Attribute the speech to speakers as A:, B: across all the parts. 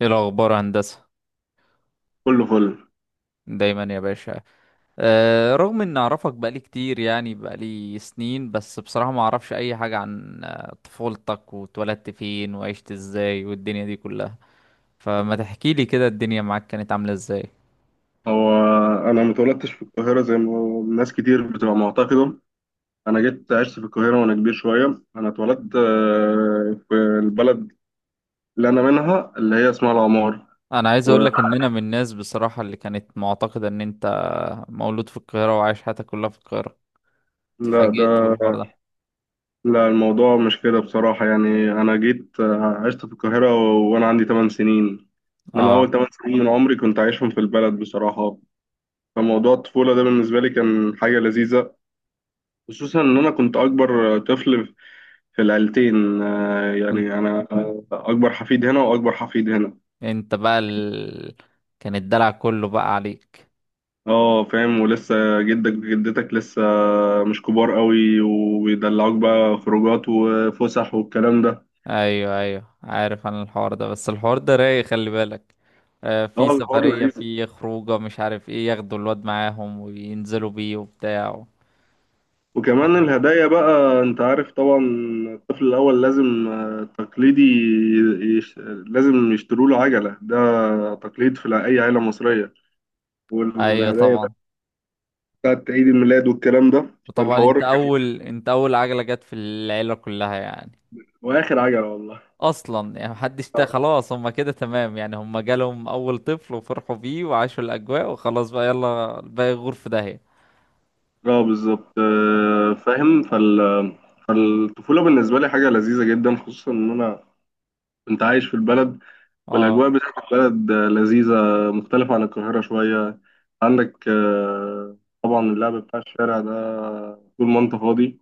A: ايه الاخبار يا هندسه؟
B: كله فل.
A: دايما يا باشا. رغم ان اعرفك بقالي كتير، يعني بقالي سنين، بس بصراحه ما اعرفش اي حاجه عن طفولتك، واتولدت فين، وعشت ازاي، والدنيا دي كلها. فما تحكي لي كده الدنيا معاك كانت عامله ازاي؟
B: هو انا متولدتش في القاهره زي ما ناس كتير بتبقى معتقده. انا جيت عشت في القاهره وانا كبير شويه. انا اتولدت في البلد اللي انا منها، اللي هي اسمها العمار.
A: انا عايز اقول لك ان انا من الناس بصراحه اللي كانت معتقده ان انت مولود في القاهره، وعايش حياتك كلها في القاهره.
B: ولا
A: اتفاجئت
B: ده.
A: بالحوار ده.
B: لا، الموضوع مش كده بصراحه، يعني انا جيت عشت في القاهره وانا عندي 8 سنين، انما
A: اه،
B: اول 8 سنين من عمري كنت عايشهم في البلد بصراحه. فموضوع الطفوله ده بالنسبه لي كان حاجه لذيذه، خصوصا ان انا كنت اكبر طفل في العيلتين،
A: كنت
B: يعني انا اكبر حفيد هنا واكبر حفيد هنا.
A: انت بقى ال... كان الدلع كله بقى عليك.
B: اه فاهم، ولسه جدك وجدتك لسه مش كبار قوي وبيدلعوك بقى خروجات وفسح والكلام ده.
A: ايوه، ايوه، عارف عن الحوار ده، بس الحوار ده رايق خلي بالك. في
B: اه الحوار
A: سفرية،
B: لذيذ،
A: في خروجة، مش عارف ايه، ياخدوا الواد معاهم وينزلوا بيه وبتاع. صح.
B: وكمان الهدايا بقى انت عارف طبعا. الطفل الاول لازم تقليدي، لازم يشتروا له عجلة ده، تقليد في اي عيلة مصرية.
A: ايوه
B: والهدايا بقى
A: طبعا.
B: بتاعت عيد الميلاد والكلام ده.
A: وطبعا
B: فالحوار
A: انت
B: كان
A: اول انت اول عجلة جت في العيلة كلها يعني.
B: واخر عجلة والله.
A: اصلا يعني محدش خلاص، هما كده تمام يعني، هما جالهم اول طفل وفرحوا بيه وعاشوا الاجواء وخلاص، بقى يلا الباقي يغور في داهية.
B: اه بالظبط، فاهم فالطفولة بالنسبة لي حاجة لذيذة جدا، خصوصا إن أنا كنت عايش في البلد.
A: اه.
B: والأجواء بتاعت البلد لذيذة، مختلفة عن القاهرة شوية. عندك طبعا اللعب بتاع الشارع ده طول ما أنت فاضي.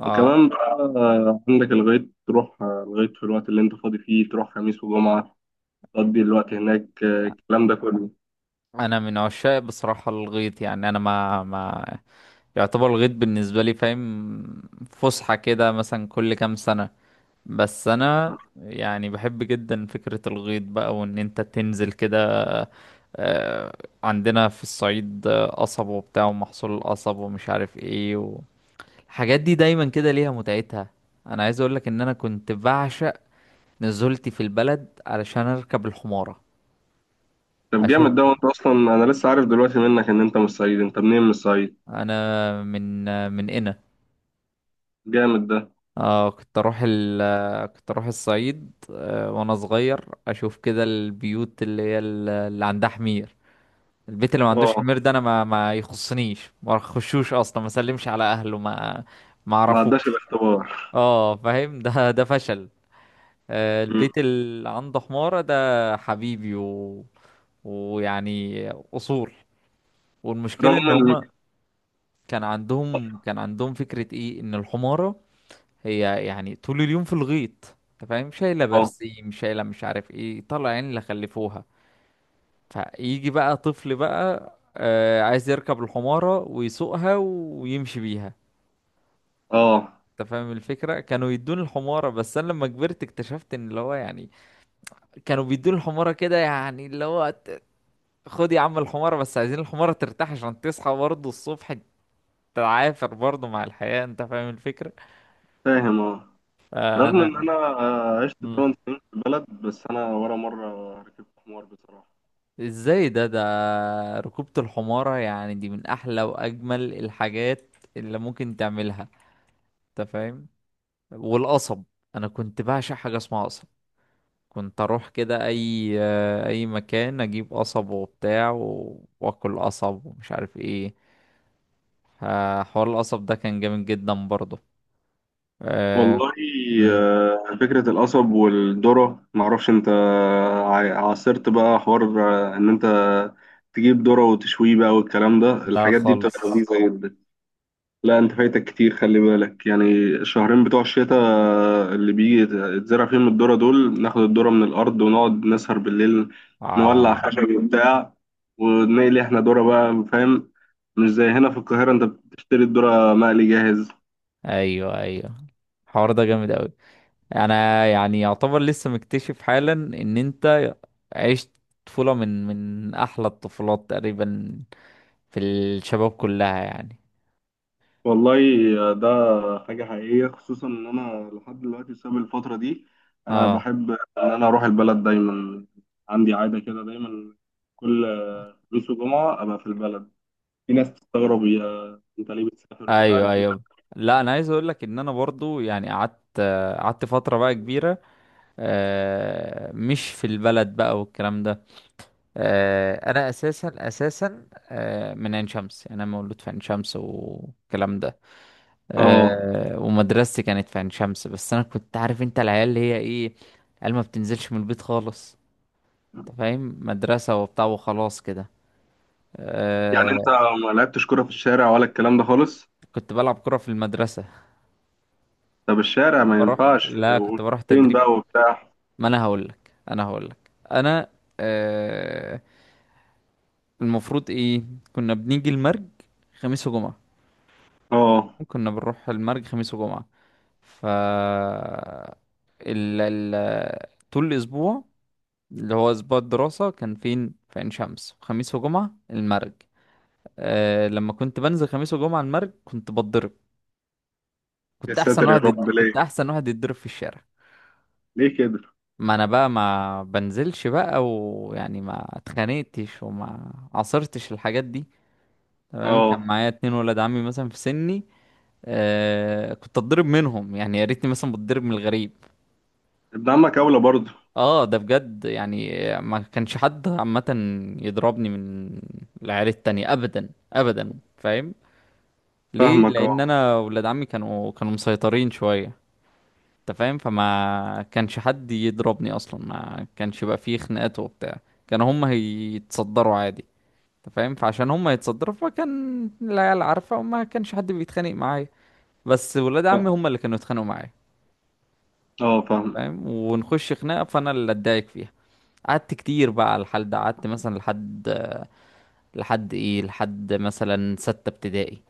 A: اه،
B: وكمان بقى عندك الغيط، تروح الغيط في الوقت اللي أنت فاضي فيه، تروح خميس وجمعة تقضي الوقت هناك الكلام ده كله.
A: انا من عشاق بصراحة الغيط، يعني انا ما يعتبر الغيط بالنسبة لي فاهم، فسحة كده مثلا كل كام سنة. بس أنا يعني بحب جدا فكرة الغيط بقى، وإن أنت تنزل كده. آه، عندنا في الصعيد قصب وبتاع، ومحصول القصب، ومش عارف إيه الحاجات دي دايما كده ليها متعتها. أنا عايز أقولك إن أنا كنت بعشق نزولتي في البلد علشان أركب الحمارة.
B: طب
A: أشوف.
B: جامد ده، وأنت أصلا أنا لسه عارف دلوقتي منك إن أنت مش صعيدي. أنت منين مش صعيد؟
A: أنا من قنا.
B: جامد ده.
A: اه، كنت اروح الصعيد، وانا صغير، اشوف كده البيوت اللي هي اللي عندها حمير. البيت اللي ما عندوش
B: اه
A: حمير ده انا ما يخصنيش، ما اخشوش اصلا، ما اسلمش على اهله، ما
B: ما عداش
A: اعرفوش.
B: الاختبار.
A: اه فاهم، ده فشل.
B: مم.
A: البيت اللي عنده حمارة ده حبيبي ويعني اصول. والمشكلة
B: رغم
A: ان
B: ان.
A: هما كان عندهم فكرة ايه ان الحمارة هي يعني طول اليوم في الغيط، انت فاهم، شايله
B: اه.
A: برسيم، شايله مش عارف ايه، طلع عين اللي خلفوها. فيجي بقى طفل بقى عايز يركب الحماره ويسوقها ويمشي بيها.
B: اه
A: انت فاهم الفكره، كانوا يدوني الحماره، بس انا لما كبرت اكتشفت ان اللي هو يعني كانوا بيدوني الحماره كده، يعني اللي هو خد يا عم الحماره، بس عايزين الحماره ترتاح عشان تصحى برضه الصبح، تعافر برضه مع الحياه، انت فاهم الفكره.
B: فاهم. اه رغم ان
A: فانا.
B: انا عشت 8 سنين في البلد، بس انا ولا مره ركبت حمار بصراحه.
A: ازاي ده؟ ركوبة الحمارة يعني دي من احلى واجمل الحاجات اللي ممكن تعملها، انت فاهم. والقصب، انا كنت بعشق حاجة اسمها قصب. كنت اروح كده اي مكان اجيب قصب وبتاع واكل قصب ومش عارف ايه. حوار القصب ده كان جامد جدا برضه. أه...
B: والله
A: مم.
B: فكره القصب والذره، معرفش انت عاصرت بقى حوار ان انت تجيب ذره وتشويه بقى والكلام ده،
A: لا
B: الحاجات دي بتبقى
A: خالص.
B: لذيذه جدا. لا انت فايتك كتير خلي بالك يعني. الشهرين بتوع الشتاء اللي بيجي يتزرع فيهم الذرة دول، ناخد الذرة من الأرض ونقعد نسهر بالليل، نولع
A: اه،
B: خشب وبتاع ونقلي احنا ذرة بقى فاهم. مش زي هنا في القاهرة انت بتشتري الذرة مقلي جاهز.
A: ايوه، ايوه، الحوار ده جامد اوي. انا يعني يعتبر لسه مكتشف حالا ان انت عشت طفولة من احلى الطفولات تقريبا في الشباب كلها يعني.
B: والله ده حاجة حقيقية، خصوصا ان انا لحد دلوقتي بسبب الفترة دي انا
A: اه،
B: بحب ان انا اروح البلد دايما. عندي عادة كده دايما، كل خميس وجمعة ابقى في البلد. في ناس تستغرب يا انت ليه بتسافر ومش
A: ايوه،
B: عارف ايه.
A: ايوه. لا، انا عايز اقول لك ان انا برضو، يعني قعدت فترة بقى كبيرة، مش في البلد بقى والكلام ده. انا اساسا اساسا، من عين شمس، يعني انا مولود في عين شمس والكلام ده.
B: اه
A: ومدرستي كانت في عين شمس، بس انا كنت عارف انت العيال اللي هي ايه، قال ما بتنزلش من البيت خالص، انت فاهم، مدرسة وبتاع وخلاص كده.
B: يعني انت
A: آه
B: ما لعبتش كرة في الشارع ولا الكلام ده خالص؟
A: كنت بلعب كرة في المدرسة.
B: طب الشارع ما ينفعش
A: لا، كنت بروح
B: وفين
A: تدريب.
B: بقى وبتاع؟
A: ما انا هقول لك انا، آه المفروض ايه، كنا بنيجي المرج خميس وجمعة.
B: اه
A: كنا بنروح المرج خميس وجمعة. ف ال... ال... طول الاسبوع، اللي هو أسبوع الدراسة، كان فين في عين شمس، خميس وجمعة المرج. لما كنت بنزل خميس وجمعة المرج كنت بتضرب.
B: يا ساتر يا رب،
A: كنت
B: ليه؟
A: أحسن واحد يتضرب في الشارع.
B: ليه كده؟
A: ما أنا بقى ما بنزلش بقى، ويعني ما اتخانقتش وما عصرتش الحاجات دي، تمام. كان
B: اه
A: معايا 2 ولاد عمي مثلا في سني. كنت أتضرب منهم، يعني يا ريتني مثلا بتضرب من الغريب.
B: ابن عمك اولى برضه.
A: اه، ده بجد يعني، ما كانش حد عامة يضربني من العيال التانية ابدا ابدا، فاهم؟ ليه؟
B: فاهمك اه.
A: لان انا ولاد عمي كانوا مسيطرين شوية، انت فاهم، فما كانش حد يضربني اصلا، ما كانش يبقى فيه خناقات وبتاع، كانوا هم هيتصدروا عادي. انت فاهم، فعشان هم يتصدروا فكان العيال عارفة، وما كانش حد بيتخانق معايا، بس ولاد عمي هم اللي كانوا يتخانقوا معايا.
B: اه
A: انت
B: فاهم.
A: فاهم، ونخش خناقة فانا اللي اتضايق فيها. قعدت كتير بقى على الحال ده، قعدت مثلا لحد، لحد ايه لحد مثلا ستة ابتدائي،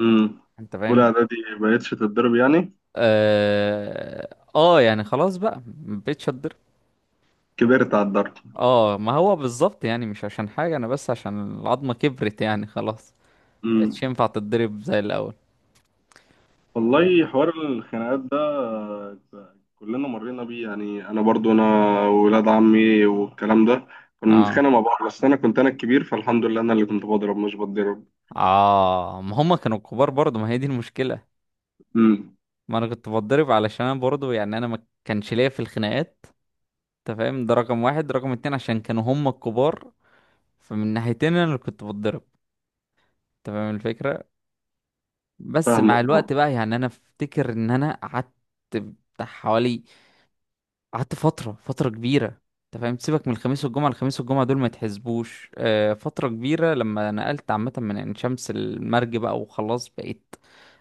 B: امم.
A: انت
B: اولى
A: فاهم.
B: اعدادي بقيتش تتضرب يعني؟
A: اه. يعني خلاص بقى، مبقتش اتضرب.
B: كبرت على الضرب.
A: اه، ما هو بالظبط، يعني مش عشان حاجة انا، بس عشان العظمة كبرت يعني، خلاص مبقتش
B: امم.
A: ينفع تتضرب زي الاول
B: والله
A: و-
B: حوار الخناقات ده كلنا مرينا بيه، يعني انا برضو انا ولاد عمي والكلام ده كنا
A: اه،
B: بنتخانق مع بعض، بس انا كنت انا الكبير، فالحمد لله انا اللي كنت بضرب مش بتضرب.
A: اه، ما هما كانوا كبار برضه، ما هي دي المشكلة.
B: امم.
A: ما انا كنت بتضرب علشان انا برضه، يعني انا ما كانش ليا في الخناقات، انت فاهم، ده رقم واحد. رقم اتنين، عشان كانوا هما الكبار، فمن ناحيتين انا اللي كنت بتضرب، تمام الفكره. بس مع
B: فاهمك اه.
A: الوقت بقى يعني انا افتكر ان انا قعدت بتاع حوالي، قعدت فتره كبيره، انت فاهم. سيبك من الخميس والجمعه، الخميس والجمعه دول ما يتحسبوش. فتره كبيره لما نقلت عامه من عين شمس المرج بقى، وخلاص بقيت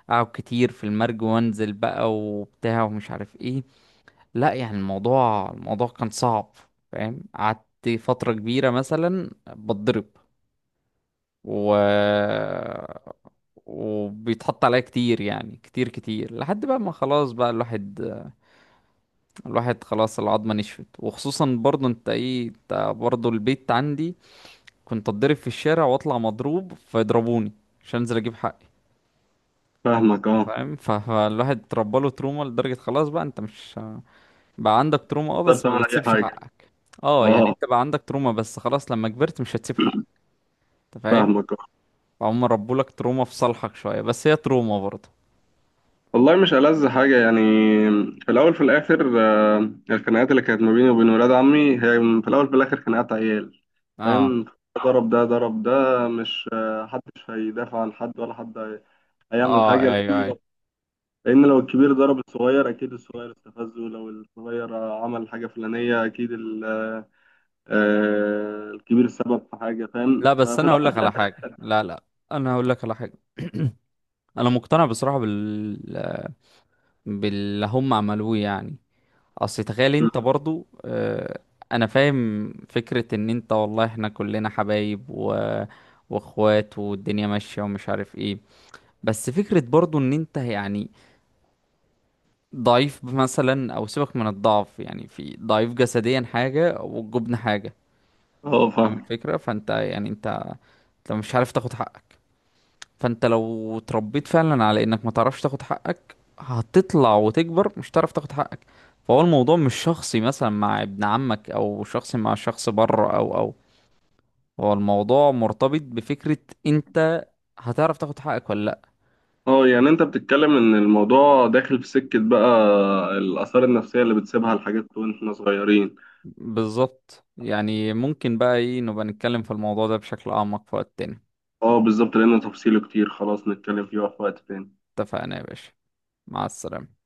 A: اقعد كتير في المرج وانزل بقى وبتاع ومش عارف ايه. لا يعني الموضوع كان صعب، فاهم. قعدت فتره كبيره مثلا بتضرب، و وبيتحط عليا كتير، يعني كتير كتير، لحد بقى ما خلاص بقى الواحد، خلاص العظمة نشفت. وخصوصا برضو انت ايه، انت برضو البيت عندي كنت اتضرب في الشارع واطلع مضروب فيضربوني عشان انزل اجيب حقي،
B: فاهمك اه.
A: فاهم. فالواحد اتربى له تروما لدرجة خلاص بقى، انت مش بقى عندك تروما، اه،
B: تقدر
A: بس ما
B: تعمل اي
A: بتسيبش
B: حاجه.
A: حقك. اه، يعني
B: اه.
A: انت بقى عندك تروما، بس خلاص لما كبرت مش هتسيب حقك، انت فاهم.
B: فاهمك اه.
A: فهم ربوا لك تروما في صالحك شوية، بس هي تروما برضه.
B: والله مش ألذ حاجة يعني؟ في الأول في الآخر الخناقات اللي كانت ما بيني وبين ولاد عمي هي في الأول في الآخر خناقات عيال،
A: اه،
B: فاهم. ضرب ده ضرب ده، مش محدش هيدافع عن حد ولا حد هيعمل
A: اه،
B: حاجة.
A: ايوه، ايوه.
B: لأن لو الكبير ضرب الصغير أكيد الصغير استفزه، ولو الصغير عمل حاجة فلانية أكيد الكبير سبب في حاجة، فاهم.
A: لا، بس
B: ففي
A: انا هقول
B: الأول
A: لك
B: وفي
A: على
B: الآخر-
A: حاجه، لا لا، انا هقول لك على حاجه انا مقتنع بصراحه باللي هم عملوه يعني. اصل تخيل انت برضو، انا فاهم فكره ان انت والله احنا كلنا حبايب واخوات، والدنيا ماشيه ومش عارف ايه. بس فكره برضو ان انت يعني ضعيف مثلا، او سيبك من الضعف، يعني في ضعيف جسديا حاجه والجبن حاجه،
B: اه
A: فاهم
B: فاهم.
A: الفكره. فانت يعني انت مش عارف تاخد حقك. فانت لو اتربيت فعلا على انك ما تعرفش تاخد حقك، هتطلع وتكبر مش هتعرف تاخد حقك. فهو الموضوع مش شخصي مثلا مع ابن عمك، او شخصي مع شخص بره، او هو الموضوع مرتبط بفكرة انت هتعرف تاخد حقك ولا لا.
B: اه يعني أنت بتتكلم إن الموضوع داخل في سكة بقى، الآثار النفسية اللي بتسيبها الحاجات وإحنا صغيرين.
A: بالظبط، يعني ممكن بقى ايه نبقى نتكلم في الموضوع ده بشكل اعمق في وقت تاني.
B: اه بالظبط، لأن تفصيله كتير، خلاص نتكلم فيه في وقت تاني.
A: اتفقنا يا باشا. مع السلامة.